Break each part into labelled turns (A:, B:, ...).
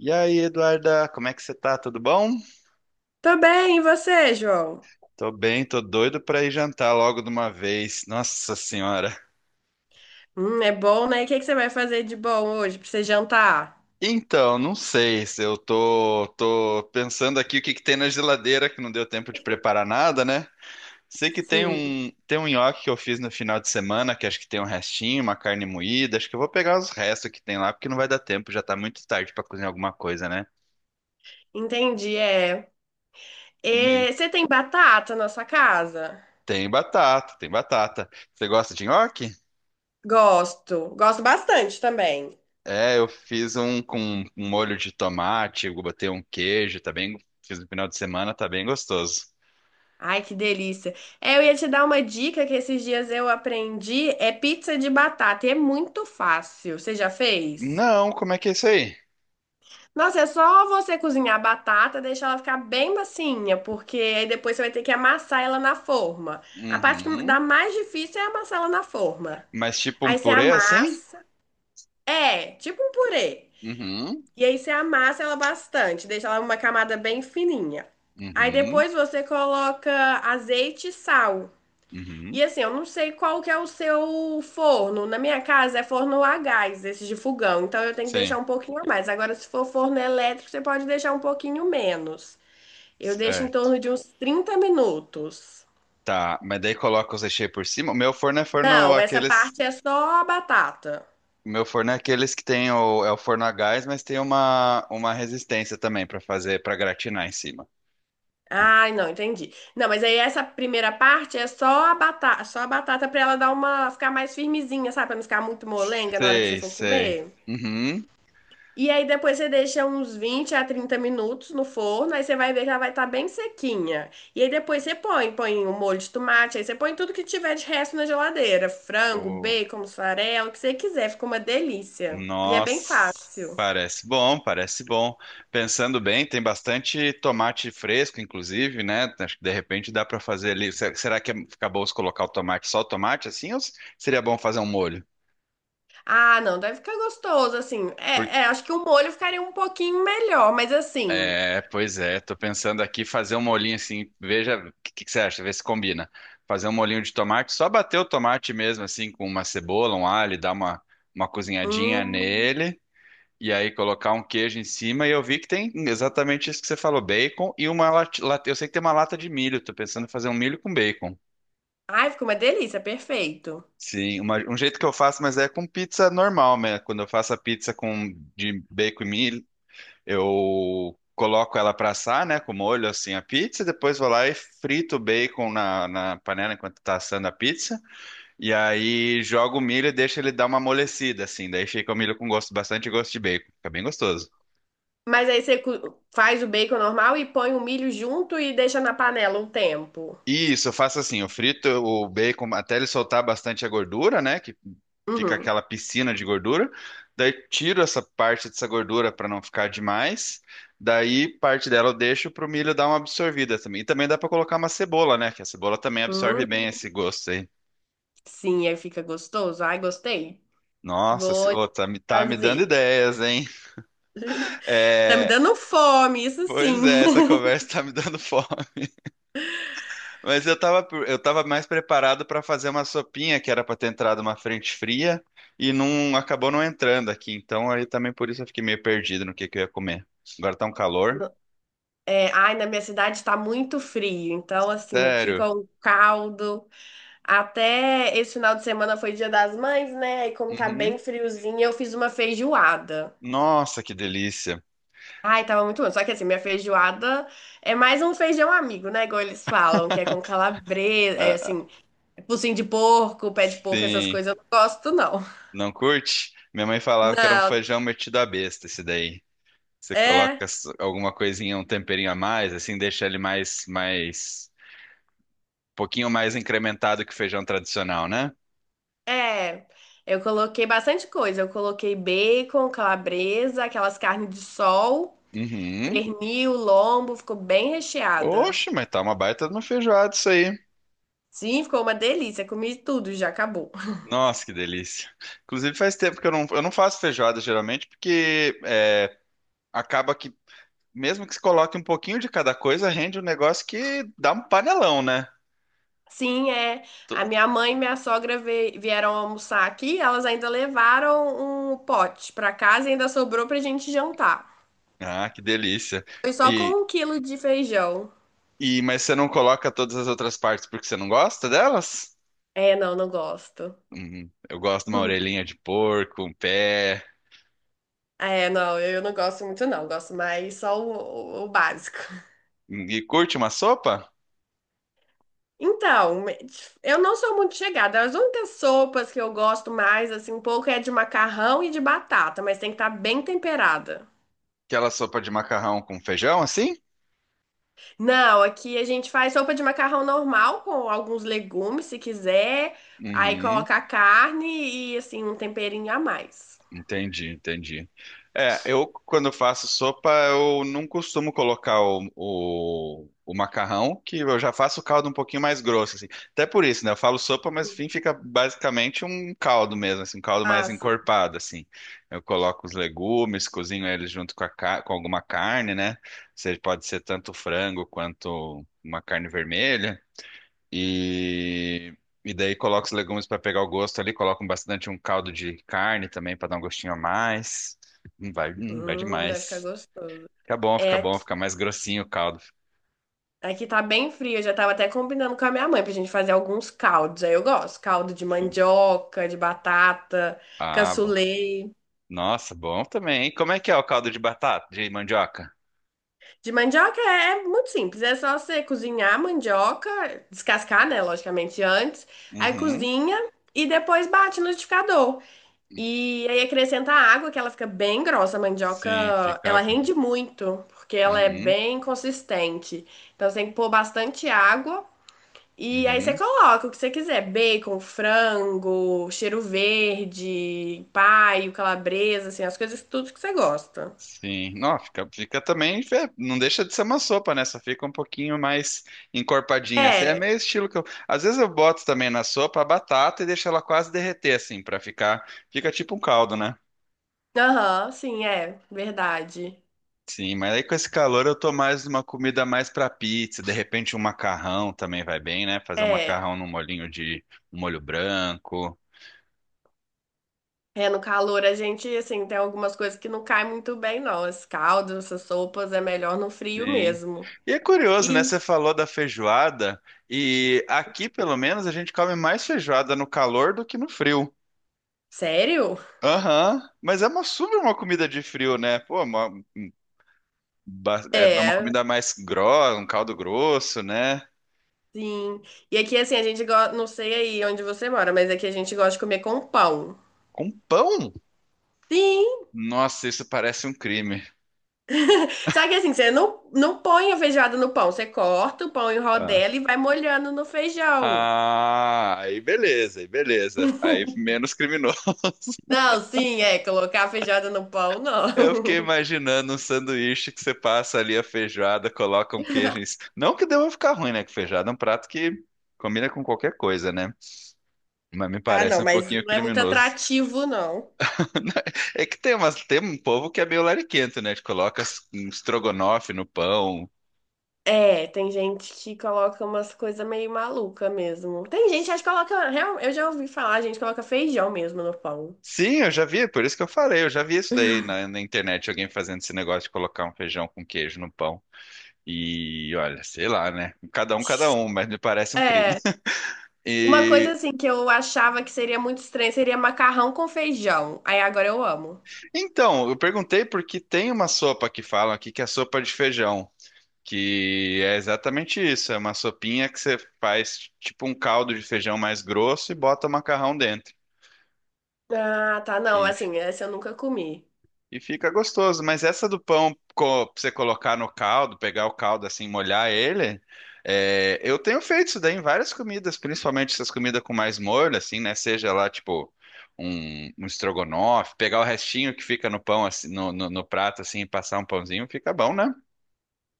A: E aí, Eduarda, como é que você tá? Tudo bom?
B: Tô bem, e você, João?
A: Tô bem, tô doido pra ir jantar logo de uma vez. Nossa Senhora.
B: É bom, né? O que você vai fazer de bom hoje pra você jantar?
A: Então, não sei se eu tô pensando aqui o que que tem na geladeira que não deu tempo de preparar nada, né? Sei que tem
B: Sim,
A: um, tem um nhoque que eu fiz no final de semana, que acho que tem um restinho, uma carne moída. Acho que eu vou pegar os restos que tem lá, porque não vai dar tempo, já tá muito tarde pra cozinhar alguma coisa, né?
B: entendi, é.
A: E
B: E você tem batata na sua casa?
A: tem batata, tem batata. Você gosta de nhoque?
B: Gosto, gosto bastante também.
A: É, eu fiz um com um molho de tomate, eu botei um queijo, tá bem, fiz no final de semana, tá bem gostoso.
B: Ai, que delícia. É, eu ia te dar uma dica que esses dias eu aprendi, é pizza de batata, e é muito fácil. Você já fez?
A: Não, como é que é isso aí?
B: Nossa, é só você cozinhar a batata, deixar ela ficar bem macinha, porque aí depois você vai ter que amassar ela na forma. A parte que
A: Uhum.
B: dá mais difícil é amassar ela na forma.
A: Mas tipo um
B: Aí você
A: purê assim?
B: amassa, é, tipo um purê.
A: Uhum.
B: E aí você amassa ela bastante, deixa ela uma camada bem fininha. Aí
A: Uhum.
B: depois você coloca azeite e sal.
A: Uhum.
B: E assim, eu não sei qual que é o seu forno. Na minha casa é forno a gás, esse de fogão. Então eu tenho que
A: Sim.
B: deixar um pouquinho a mais. Agora, se for forno elétrico, você pode deixar um pouquinho menos. Eu deixo em
A: Certo.
B: torno de uns 30 minutos.
A: Tá, mas daí coloca os recheios por cima. O meu forno é
B: Não,
A: forno
B: essa
A: aqueles,
B: parte é só a batata.
A: o meu forno é aqueles que tem o é o forno a gás, mas tem uma resistência também pra fazer, pra gratinar em cima.
B: Ai, não, entendi. Não, mas aí essa primeira parte é só a batata para ela dar uma ficar mais firmezinha, sabe? Para não ficar muito molenga na hora que você
A: Sei,
B: for
A: sei.
B: comer.
A: Uhum.
B: E aí depois você deixa uns 20 a 30 minutos no forno, aí você vai ver que ela vai estar bem sequinha. E aí depois você põe o molho de tomate, aí você põe tudo que tiver de resto na geladeira, frango,
A: O-
B: bacon, mussarela, o que você quiser, fica uma delícia. E é bem
A: Nossa,
B: fácil.
A: parece bom, parece bom. Pensando bem, tem bastante tomate fresco, inclusive, né? Acho que de repente dá para fazer ali. Será que fica bom se colocar o tomate, só o tomate assim, ou seria bom fazer um molho?
B: Ah, não, deve ficar gostoso assim.
A: Por-
B: É, acho que o molho ficaria um pouquinho melhor, mas assim,
A: É, pois é, tô pensando aqui fazer um molhinho assim, veja, o que você acha? Vê se combina. Fazer um molhinho de tomate, só bater o tomate mesmo assim com uma cebola, um alho, dar uma cozinhadinha
B: hum,
A: nele. E aí colocar um queijo em cima e eu vi que tem exatamente isso que você falou, bacon e uma lata, eu sei que tem uma lata de milho, tô pensando em fazer um milho com bacon.
B: ai, fica uma delícia, perfeito.
A: Sim, um jeito que eu faço, mas é com pizza normal, né? Quando eu faço a pizza com de bacon e milho, eu coloco ela pra assar, né, com molho assim a pizza, e depois vou lá e frito o bacon na panela enquanto tá assando a pizza, e aí jogo o milho e deixo ele dar uma amolecida assim, daí fica o milho com gosto bastante gosto de bacon, fica bem gostoso.
B: Mas aí você faz o bacon normal e põe o milho junto e deixa na panela um tempo.
A: Isso, eu faço assim, eu frito o bacon até ele soltar bastante a gordura, né? Que fica
B: Uhum.
A: aquela piscina de gordura. Daí tiro essa parte dessa gordura para não ficar demais. Daí parte dela eu deixo pro milho dar uma absorvida também. E também dá para colocar uma cebola, né? Que a cebola também absorve
B: Hum,
A: bem esse gosto aí.
B: sim, aí fica gostoso. Ai, gostei.
A: Nossa,
B: Vou
A: ô, tá me dando
B: fazer.
A: ideias, hein?
B: Tá me
A: É,
B: dando fome, isso
A: pois
B: sim.
A: é, essa conversa tá me dando fome. Mas eu tava, eu tava mais preparado para fazer uma sopinha que era para ter entrado uma frente fria e não acabou não entrando aqui. Então aí também por isso eu fiquei meio perdido no que eu ia comer. Agora tá um calor.
B: No- É, ai, na minha cidade tá muito frio, então assim, aqui
A: Sério.
B: com caldo, até esse final de semana foi Dia das Mães, né? E como tá
A: Uhum.
B: bem friozinho, eu fiz uma feijoada.
A: Nossa, que delícia.
B: Ai, tava muito bom. Só que assim, minha feijoada é mais um feijão amigo, né? Igual eles falam, que é com calabresa, é
A: Ah,
B: assim, é focinho de porco, pé de porco, essas
A: sim.
B: coisas eu não gosto, não.
A: Não curte? Minha mãe falava que era um
B: Não,
A: feijão metido à besta esse daí. Você coloca
B: É,
A: alguma coisinha, um temperinho a mais, assim, deixa ele um pouquinho mais incrementado que o feijão tradicional, né?
B: é. Eu coloquei bastante coisa. Eu coloquei bacon, calabresa, aquelas carnes de sol,
A: Uhum.
B: pernil, lombo, ficou bem recheada.
A: Oxe, mas tá uma baita de uma feijoada isso aí.
B: Sim, ficou uma delícia. Comi tudo, já acabou.
A: Nossa, que delícia. Inclusive, faz tempo que eu não faço feijoada geralmente, porque acaba que, mesmo que se coloque um pouquinho de cada coisa, rende um negócio que dá um panelão, né?
B: Sim, é.
A: To-
B: A minha mãe e minha sogra vieram almoçar aqui. Elas ainda levaram um pote pra casa e ainda sobrou pra gente jantar.
A: Ah, que delícia.
B: Foi só
A: E,
B: com 1 quilo de feijão.
A: e mas você não coloca todas as outras partes porque você não gosta delas?
B: É, não, não gosto.
A: Uhum. Eu gosto de uma orelhinha de porco, um pé.
B: É, não, eu não gosto muito, não. Gosto mais só o básico.
A: E curte uma sopa?
B: Então, eu não sou muito chegada. As únicas sopas que eu gosto mais, assim, um pouco é de macarrão e de batata, mas tem que estar bem temperada.
A: Aquela sopa de macarrão com feijão, assim?
B: Não, aqui a gente faz sopa de macarrão normal com alguns legumes, se quiser. Aí
A: Uhum.
B: coloca a carne e, assim, um temperinho a mais.
A: Entendi, entendi. É, eu quando faço sopa, eu não costumo colocar o macarrão, que eu já faço o caldo um pouquinho mais grosso, assim. Até por isso, né? Eu falo sopa, mas enfim, fica basicamente um caldo mesmo, assim, um caldo mais
B: Ah, sim.
A: encorpado, assim. Eu coloco os legumes, cozinho eles junto com, com alguma carne, né? Seja, pode ser tanto frango quanto uma carne vermelha. E, e daí coloca os legumes para pegar o gosto ali, coloca bastante um caldo de carne também para dar um gostinho a mais. Vai, vai
B: Deve ficar
A: demais.
B: gostoso.
A: Fica bom,
B: É
A: fica bom,
B: aqui.
A: fica mais grossinho o caldo.
B: Aqui tá bem frio, eu já tava até combinando com a minha mãe pra gente fazer alguns caldos. Aí eu gosto, caldo de
A: Sim.
B: mandioca, de batata,
A: Ah, bom.
B: cassoulet.
A: Nossa, bom também, hein? Como é que é o caldo de batata, de mandioca?
B: De mandioca é muito simples, é só você cozinhar a mandioca, descascar, né, logicamente antes, aí
A: Uhum.
B: cozinha e depois bate no liquidificador. E aí acrescenta água, que ela fica bem grossa, a
A: Sim,
B: mandioca, ela
A: fica.
B: rende muito, porque ela é
A: Uhum,
B: bem consistente. Então você tem que pôr bastante água e aí você
A: uhum.
B: coloca o que você quiser, bacon, frango, cheiro verde, paio, calabresa, assim, as coisas tudo que você gosta.
A: Sim, não, fica, fica também, não deixa de ser uma sopa, né? Só fica um pouquinho mais encorpadinha, assim. É
B: É,
A: meio estilo que eu, às vezes eu boto também na sopa a batata e deixo ela quase derreter, assim, pra ficar, fica tipo um caldo, né?
B: aham, sim, é, verdade.
A: Sim, mas aí com esse calor eu tô mais uma comida mais pra pizza, de repente um macarrão também vai bem, né? Fazer um
B: É,
A: macarrão num molhinho de um molho branco.
B: é, no calor a gente, assim, tem algumas coisas que não caem muito bem, não. Esse caldo, essas sopas, é melhor no frio
A: Sim.
B: mesmo.
A: E é curioso, né?
B: E,
A: Você falou da feijoada e aqui, pelo menos, a gente come mais feijoada no calor do que no frio.
B: sério?
A: Aham, mas é uma super uma comida de frio, né? Pô, uma, é é uma
B: É,
A: comida mais grossa, um caldo grosso, né?
B: sim. E aqui, assim, a gente gosta, não sei aí onde você mora, mas aqui a gente gosta de comer com pão.
A: Com pão?
B: Sim!
A: Nossa, isso parece um crime.
B: Só que, assim, você não põe a feijoada no pão, você corta o pão em
A: Ah,
B: rodela e vai molhando no feijão.
A: Ah, aí beleza, aí beleza. Aí menos criminoso.
B: Não, sim, é, colocar a feijoada no pão, não.
A: Eu fiquei imaginando um sanduíche que você passa ali a feijoada, coloca um queijo em cima. Não que deva ficar ruim, né? Que feijoada é um prato que combina com qualquer coisa, né? Mas me
B: Ah,
A: parece
B: não,
A: um
B: mas
A: pouquinho
B: não é muito
A: criminoso.
B: atrativo, não.
A: É que tem umas, tem um povo que é meio lariquento, né? Que coloca um estrogonofe no pão.
B: É, tem gente que coloca umas coisas meio maluca mesmo. Tem gente, acho que coloca. Eu já ouvi falar, gente coloca feijão mesmo no pão.
A: Sim, eu já vi, por isso que eu falei, eu já vi isso daí na internet, alguém fazendo esse negócio de colocar um feijão com queijo no pão. E olha, sei lá, né? Cada um, mas me parece um crime.
B: É, uma coisa
A: E
B: assim que eu achava que seria muito estranho seria macarrão com feijão. Aí agora eu amo.
A: então, eu perguntei porque tem uma sopa que falam aqui que é sopa de feijão, que é exatamente isso, é uma sopinha que você faz tipo um caldo de feijão mais grosso e bota o macarrão dentro.
B: Ah, tá, não, assim, essa eu nunca comi.
A: E fica gostoso, mas essa do pão pra você colocar no caldo, pegar o caldo assim, molhar ele, é, eu tenho feito isso daí em várias comidas, principalmente essas comidas com mais molho, assim, né? Seja lá, tipo, um estrogonofe, pegar o restinho que fica no pão, assim, no prato, assim, e passar um pãozinho, fica bom, né?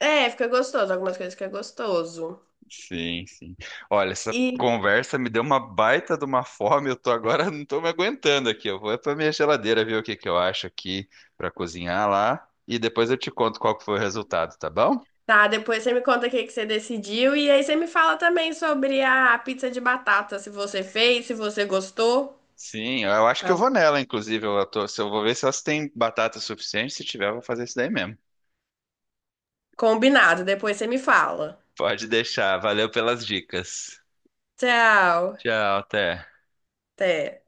B: É, fica gostoso, algumas coisas que é gostoso.
A: Sim, sim. Olha, essa
B: E
A: conversa me deu uma baita de uma fome. Eu tô agora, não tô me aguentando aqui. Eu vou é pra minha geladeira ver o que que eu acho aqui pra cozinhar lá e depois eu te conto qual que foi o resultado, tá bom?
B: tá, depois você me conta o que que você decidiu e aí você me fala também sobre a pizza de batata, se você fez, se você gostou.
A: Sim, eu acho que eu
B: Tá
A: vou nela, inclusive. Eu tô, se eu vou ver se elas têm batata suficiente. Se tiver, eu vou fazer isso daí mesmo.
B: combinado, depois você me fala.
A: Pode deixar. Valeu pelas dicas.
B: Tchau,
A: Tchau, até.
B: até.